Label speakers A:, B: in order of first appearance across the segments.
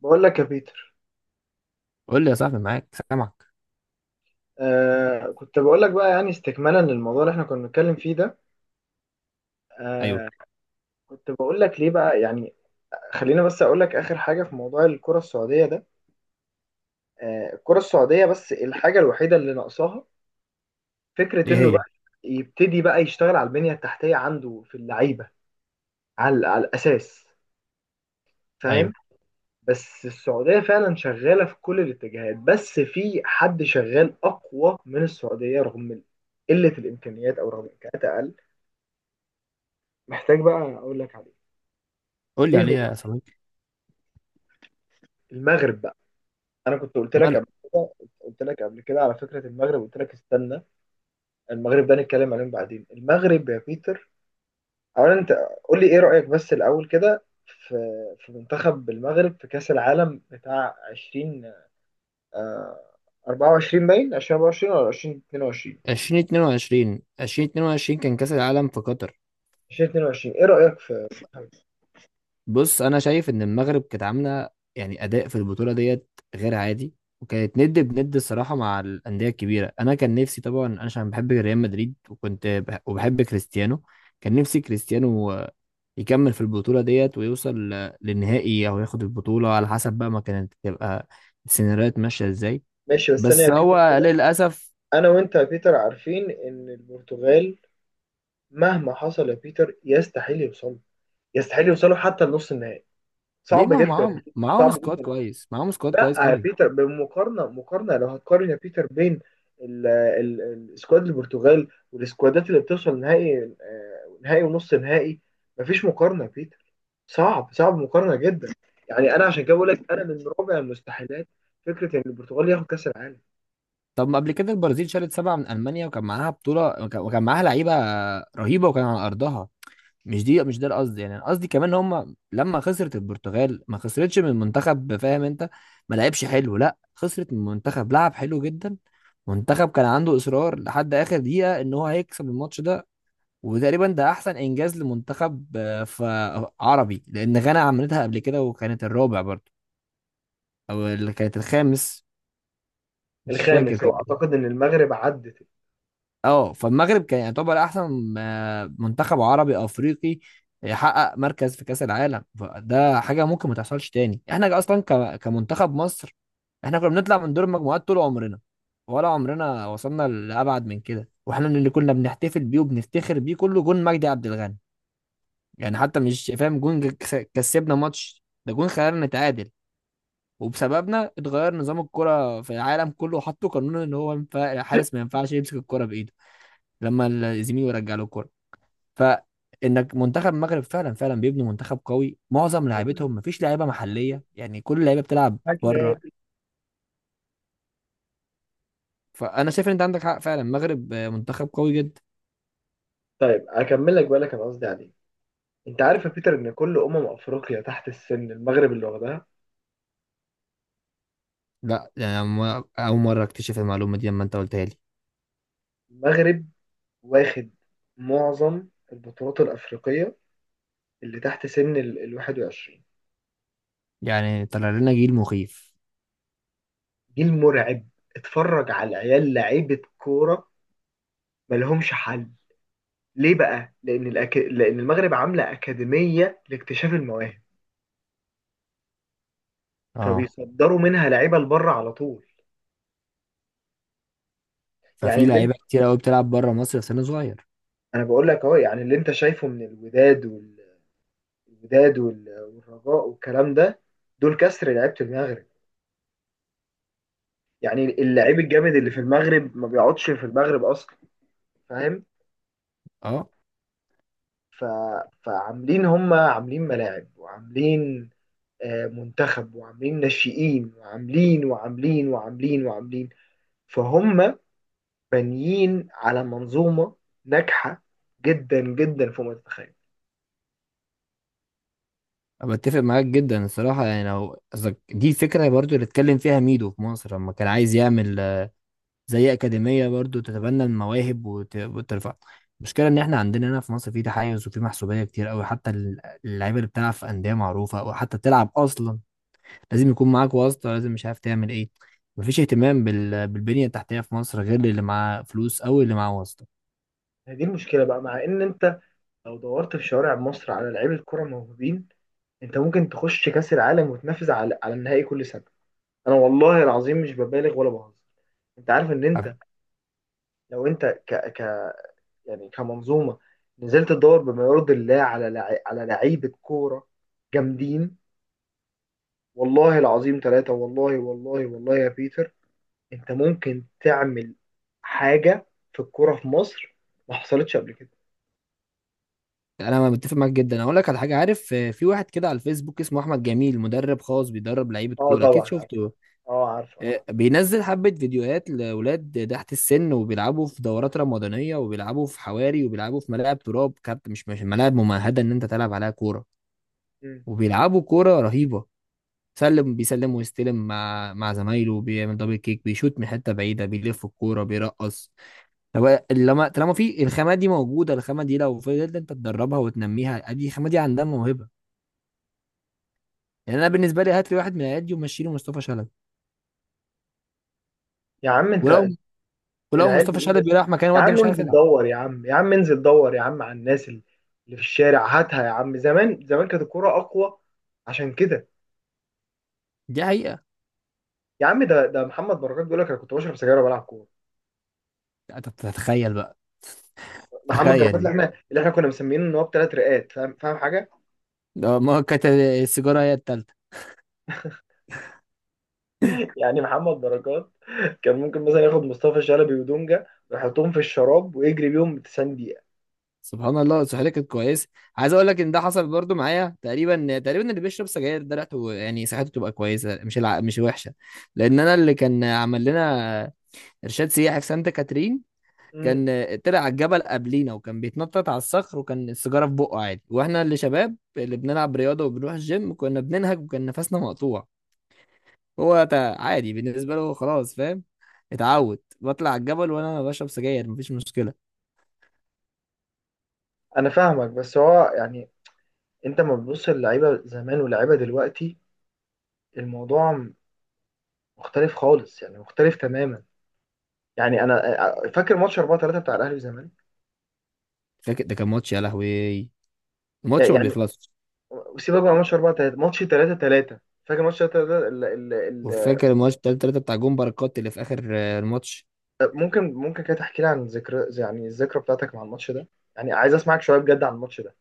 A: بقول لك يا بيتر.
B: قول لي يا صاحبي، معاك، سامعك.
A: كنت بقول لك بقى، يعني استكمالا للموضوع اللي احنا كنا بنتكلم فيه ده.
B: ايوه.
A: آه. كنت بقول لك ليه بقى يعني. خلينا بس اقول لك اخر حاجه في موضوع الكره السعوديه ده. آه، الكره السعوديه بس الحاجه الوحيده اللي ناقصاها فكره
B: ايه
A: انه
B: هي؟
A: بقى يبتدي بقى يشتغل على البنيه التحتيه عنده في اللعيبه. على الاساس. فاهم؟
B: ايوه،
A: بس السعوديه فعلا شغاله في كل الاتجاهات، بس في حد شغال اقوى من السعوديه رغم قله الامكانيات او رغم الامكانيات اقل. محتاج بقى اقول لك عليه.
B: قول لي
A: ايه هو؟
B: عليها يا صديقي.
A: المغرب بقى. انا كنت قلت لك
B: مال؟
A: قبل كده، قلت لك قبل كده على فكره المغرب، قلت لك استنى. المغرب ده نتكلم عليهم بعدين. المغرب يا بيتر، اولا انت قول لي ايه رايك بس الاول كده في، في منتخب المغرب في كاس العالم بتاع 20 آه 24، باين 2024 ولا 2022؟
B: 2022، 2022 كان كاس العالم في قطر.
A: 2022، ايه رايك في؟
B: بص، انا شايف ان المغرب كانت عامله يعني اداء في البطوله ديت غير عادي، وكانت ند بند الصراحه مع الانديه الكبيره. انا كان نفسي طبعا، انا عشان بحب ريال مدريد، وبحب كريستيانو. كان نفسي كريستيانو يكمل في البطوله ديت ويوصل للنهائي، او ياخد البطوله على حسب بقى ما كانت تبقى السيناريوهات ماشيه ازاي.
A: ماشي، بس ثانيه يا
B: بس
A: بيتر
B: هو
A: كده.
B: للاسف.
A: انا وانت يا بيتر عارفين ان البرتغال مهما حصل يا بيتر يستحيل يوصل، يستحيل يوصلوا حتى لنص النهائي.
B: ليه؟
A: صعب
B: ما هو
A: جدا.
B: معاهم
A: صعب
B: سكواد
A: جدا.
B: كويس، معاهم سكواد
A: لا
B: كويس
A: يا
B: قوي.
A: بيتر، بمقارنه لو هتقارن يا بيتر بين السكواد البرتغال والسكوادات اللي بتوصل نهائي، نهائي ونص نهائي، مفيش مقارنه يا بيتر. صعب صعب مقارنه جدا. يعني انا عشان كده بقول لك، انا من رابع المستحيلات فكره ان البرتغال ياخد كاس العالم.
B: طب، ما قبل كده البرازيل شالت سبعة من المانيا، وكان معاها بطوله وكان معاها لعيبه رهيبه وكان على ارضها. مش دي، مش ده القصد يعني. أنا قصدي كمان، هم لما خسرت البرتغال ما خسرتش من منتخب، فاهم انت؟ ما لعبش حلو، لا، خسرت من منتخب لعب حلو جدا. منتخب كان عنده اصرار لحد اخر دقيقه ان هو هيكسب الماتش ده. وتقريبا ده احسن انجاز لمنتخب عربي، لان غانا عملتها قبل كده وكانت الرابع برضه، او اللي كانت الخامس. مش فاكر
A: الخامس،
B: تق-
A: واعتقد ان المغرب عدت.
B: اه، فالمغرب كان يعتبر احسن منتخب عربي افريقي يحقق مركز في كاس العالم. فده حاجه ممكن ما تحصلش تاني. احنا اصلا كمنتخب مصر، احنا كنا بنطلع من دور المجموعات طول عمرنا، ولا عمرنا وصلنا لابعد من كده. واحنا اللي كنا بنحتفل بيه وبنفتخر بيه كله جون مجدي عبد الغني. يعني حتى، مش فاهم، جون كسبنا ماتش ده؟ جون خلانا نتعادل، وبسببنا اتغير نظام الكرة في العالم كله، وحطوا قانون ان هو ينفع الحارس ما ينفعش يمسك الكرة بايده لما الزميل يرجع له الكرة. فانك، منتخب المغرب فعلا فعلا بيبنوا منتخب قوي. معظم لعيبتهم، مفيش لعيبة محلية يعني، كل اللعيبة بتلعب بره. فانا شايف ان انت عندك حق فعلا، المغرب منتخب قوي جدا.
A: طيب اكمل لك بقى اللي كان قصدي عليه. انت عارف يا بيتر ان كل افريقيا تحت السن المغرب اللي واخدها.
B: لا يعني، اول مرة اكتشف المعلومة دي لما انت قلتها لي.
A: المغرب واخد معظم البطولات الأفريقية اللي تحت سن ال 21.
B: يعني طلع لنا جيل مخيف.
A: جيل مرعب. اتفرج على العيال لعيبة كورة، ملهمش حل. ليه بقى؟ لأن المغرب عاملة أكاديمية لاكتشاف المواهب،
B: اه،
A: فبيصدروا منها لعيبة لبره على طول. يعني
B: ففي
A: اللي انت...
B: لعيبة كتير قوي بتلعب بره مصر في سن صغير.
A: أنا بقول لك أهو، يعني اللي أنت شايفه من الوداد والرجاء والكلام ده، دول كسر لعيبة المغرب. يعني اللعيب الجامد اللي في المغرب ما بيقعدش في المغرب أصلا. فاهم؟
B: اه،
A: ف... فعاملين، هم عاملين ملاعب وعاملين منتخب وعاملين ناشئين وعاملين وعاملين وعاملين وعاملين، فهم بانيين على منظومة ناجحة جدا جدا فوق ما تتخيل.
B: بتفق معاك جدا الصراحة. يعني لو قصدك دي، فكرة برضو اللي اتكلم فيها ميدو في مصر لما كان عايز يعمل زي أكاديمية برضو تتبنى المواهب وترفع. المشكلة إن إحنا عندنا هنا في مصر في تحيز وفي محسوبية كتير أوي. حتى اللعيبة اللي بتلعب في أندية معروفة أو حتى بتلعب أصلا، لازم يكون معاك واسطة، لازم، مش عارف تعمل إيه. مفيش اهتمام بالبنية التحتية في مصر غير اللي معاه فلوس أو اللي معاه واسطة.
A: هذه المشكلة بقى، مع ان انت لو دورت في شوارع مصر على لعيبة الكرة موهوبين، انت ممكن تخش كأس العالم وتنافس على النهائي كل سنة. انا والله العظيم مش ببالغ ولا بهزر. انت عارف ان انت، لو انت يعني كمنظومه نزلت تدور بما يرضي الله على لعيبه كوره جامدين، والله العظيم ثلاثه، والله والله والله يا بيتر، انت ممكن تعمل حاجه في الكوره في مصر ما حصلتش قبل كده.
B: يعني انا متفق معاك جدا. اقول لك على حاجه، عارف في واحد كده على الفيسبوك اسمه احمد جميل، مدرب خاص بيدرب لعيبه
A: اه،
B: كوره، اكيد
A: طبعا عارف.
B: شفته.
A: اه، عارف عارف.
B: بينزل حبه فيديوهات لاولاد تحت السن، وبيلعبوا في دورات رمضانيه وبيلعبوا في حواري وبيلعبوا في ملاعب تراب كارت، مش ملاعب ممهده ان انت تلعب عليها كوره.
A: مم.
B: وبيلعبوا كوره رهيبه، سلم بيسلم ويستلم مع زمايله، بيعمل دبل كيك، بيشوت من حته بعيده، بيلف الكوره، بيرقص. طب لما طالما في الخامه دي موجوده، الخامه دي لو فضلت انت تدربها وتنميها، ادي الخامه دي عندها موهبه. يعني انا بالنسبه لي، هات لي واحد من ايادي ومشي له مصطفى شلبي.
A: يا عم
B: ولو
A: انت،
B: ولو
A: العيال
B: مصطفى
A: دي ايه
B: شلبي
A: بس؟
B: راح مكان
A: يا
B: الواد ده،
A: عم
B: مش عارف
A: انزل
B: يلعب.
A: دور يا عم، يا عم انزل دور يا عم على الناس اللي، اللي في الشارع، هاتها يا عم. زمان زمان كانت الكوره اقوى، عشان كده.
B: دي حقيقه.
A: يا عم، ده ده محمد بركات بيقول لك انا كنت بشرب سجاير وبلعب كوره.
B: أنت تتخيل بقى،
A: محمد بركات
B: تخيل
A: اللي
B: دي.
A: احنا كنا مسمينه ان هو بثلاث رئات. فاهم؟ فاهم حاجه؟
B: ده ما كانت السيجاره هي التالتة.
A: يعني محمد بركات كان ممكن مثلا ياخد مصطفى شلبي ودونجا ويحطهم في الشراب ويجري بيهم 90 دقيقه.
B: سبحان الله، صحتي كانت كويسه. عايز اقول لك ان ده حصل برضو معايا. تقريبا تقريبا اللي بيشرب سجاير ده ريحته، يعني صحته تبقى كويسه، مش وحشه. لان انا، اللي كان عمل لنا ارشاد سياحي في سانتا كاترين،
A: امم
B: كان طلع على الجبل قبلينا وكان بيتنطط على الصخر، وكان السيجاره في بقه عادي. واحنا اللي شباب اللي بنلعب رياضه وبنروح الجيم كنا بننهج وكان نفسنا مقطوع. هو عادي بالنسبه له خلاص، فاهم؟ اتعود بطلع على الجبل وانا بشرب سجاير، مفيش مشكله.
A: انا فاهمك، بس هو يعني انت لما بتبص للعيبه زمان واللعيبه دلوقتي، الموضوع مختلف خالص، يعني مختلف تماما. يعني انا فاكر ماتش 4-3 بتاع الاهلي والزمالك.
B: فاكر، ده كان ماتش يا لهوي، الماتش ما
A: يعني
B: بيخلصش.
A: سيبك بقى من ماتش 4-3، ماتش 3-3. فاكر ماتش 3-3؟
B: وفاكر الماتش بتاع التلاتة بتاع جون بركات اللي في اخر الماتش.
A: طب ممكن كده تحكي لي عن ذكرى، يعني الذكرى بتاعتك مع الماتش ده؟ يعني عايز اسمعك شويه بجد عن الماتش ده.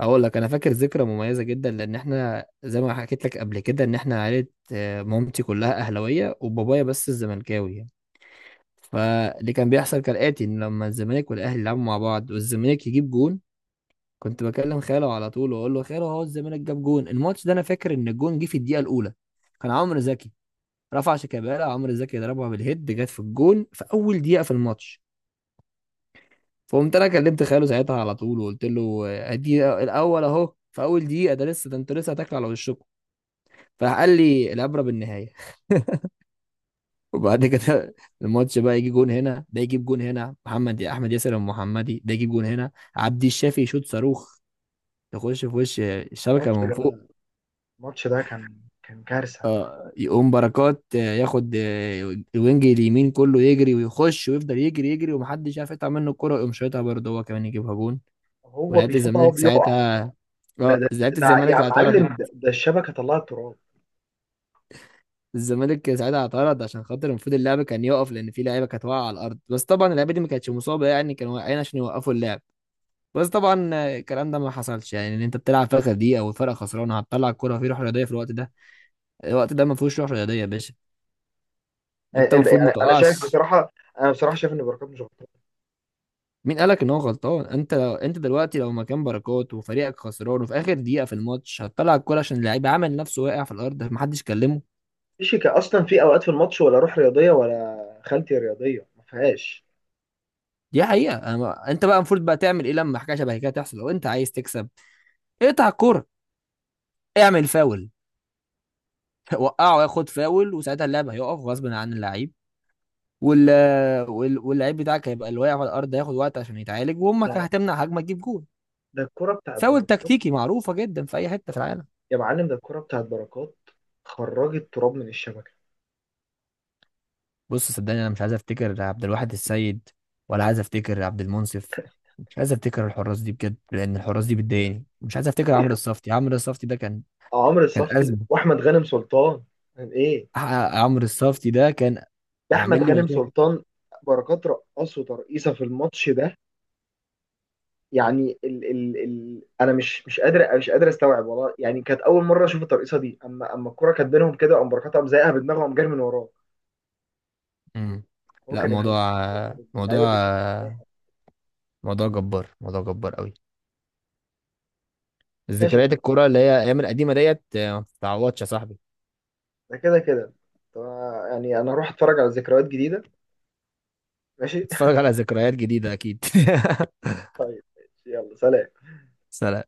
B: هقول لك، انا فاكر ذكرى مميزه جدا، لان احنا زي ما حكيت لك قبل كده، ان احنا عائله مامتي كلها اهلاويه، وبابايا بس الزملكاوي. فاللي كان بيحصل كالآتي: إن لما الزمالك والأهلي يلعبوا مع بعض والزمالك يجيب جون، كنت بكلم خاله على طول وأقول له: خاله، هو الزمالك جاب جون الماتش ده. أنا فاكر إن الجون جه في الدقيقة الأولى، كان عمرو زكي رفع شيكابالا، عمرو زكي ضربها بالهيد، جت في الجون في أول دقيقة في الماتش. فقمت أنا كلمت خاله ساعتها على طول وقلت له: أدي الأول أهو في أول دقيقة، ده لسه، ده أنتوا لسه هتاكلوا على وشكم. فراح قال لي: العبرة بالنهاية. وبعد كده الماتش بقى، يجي جون هنا، ده يجيب جون هنا محمد احمد ياسر المحمدي، ده يجيب جون هنا عبد الشافي يشوط صاروخ تخش في وش الشبكه
A: الماتش
B: من فوق.
A: ده، الماتش ده كان كارثه.
B: آه، يقوم بركات ياخد الوينج اليمين كله، يجري ويخش ويفضل يجري يجري ومحدش عارف يقطع منه الكرة، يقوم شايطها برضه هو كمان يجيبها جون.
A: هو
B: ولعيبة
A: بيشوط، هو
B: الزمالك
A: بيقع.
B: ساعتها.
A: ده
B: اه،
A: ده,
B: لعيبة
A: ده
B: الزمالك
A: يا
B: اعترضت.
A: معلم، ده الشبكه طلعت تراب.
B: الزمالك ساعتها اعترض عشان خاطر المفروض اللعب كان يقف، لان في لعيبه كانت واقعه على الارض. بس طبعا اللعيبه دي ما كانتش مصابه يعني، كانوا واقعين عشان يوقفوا اللعب. بس طبعا الكلام ده ما حصلش. يعني ان انت بتلعب فرقه دي او فرقه خسرانه، هتطلع الكوره؟ فيه روح رياضيه في الوقت ده؟ الوقت ده ما فيهوش روح رياضيه يا باشا. انت المفروض ما
A: يعني انا شايف
B: تقعش.
A: بصراحه، انا بصراحه شايف ان بركات مش غلطان.
B: مين قالك ان هو غلطان؟ انت لو انت دلوقتي لو مكان بركات وفريقك خسران وفي اخر دقيقه في الماتش، هتطلع الكوره عشان اللعيب عامل نفسه واقع في الارض؟ محدش كلمه.
A: مفيش اصلا، في اوقات في الماتش ولا روح رياضيه ولا خالتي رياضيه ما فيهاش.
B: دي حقيقه. أنا ما... انت بقى المفروض بقى تعمل ايه لما حاجه شبه كده تحصل لو انت عايز تكسب؟ اقطع الكوره، اعمل فاول، وقعه ياخد فاول، وساعتها اللعب هيقف غصب عن اللعيب. وال واللعيب بتاعك هيبقى اللي واقع على الارض، هياخد وقت عشان يتعالج، وامك هتمنع هجمه تجيب جول.
A: ده الكره بتاعت
B: فاول
A: بركات،
B: تكتيكي معروفه جدا في اي حته في العالم.
A: يا معلم، ده الكره بتاعت بركات خرجت تراب من الشبكه.
B: بص صدقني، انا مش عايز افتكر عبد الواحد السيد، ولا عايز افتكر عبد المنصف، مش عايز افتكر الحراس دي بجد، لان الحراس دي بتضايقني. مش عايز افتكر عمرو الصفتي. عمرو الصفتي ده كان،
A: عمرو
B: كان
A: صفتي
B: ازمه.
A: واحمد غانم سلطان، يعني ايه؟
B: عمرو الصفتي ده كان
A: ده احمد
B: عامل لي
A: غانم
B: مشاكل.
A: سلطان. بركات رقصه ترقيصه في الماتش ده. يعني ال ال ال انا مش قادر، استوعب والله. يعني كانت اول مره اشوف الترقيصه دي. اما اما الكوره كانت بينهم كده، قام بركات قام زايقها بدماغه وقام جاري من وراه.
B: امم
A: هو
B: لا،
A: كان
B: موضوع،
A: ابن هو كان ابن
B: موضوع
A: اللعيبه بيتكلم.
B: موضوع جبار، موضوع جبار قوي.
A: ماشي يا
B: ذكريات
A: كوتش،
B: الكرة اللي هي ايام القديمه ديت ما بتتعوضش يا صاحبي.
A: ده كده كده. طب، يعني انا هروح اتفرج على ذكريات جديده. ماشي.
B: اتفرج على ذكريات جديدة أكيد.
A: يلا سلام.
B: سلام.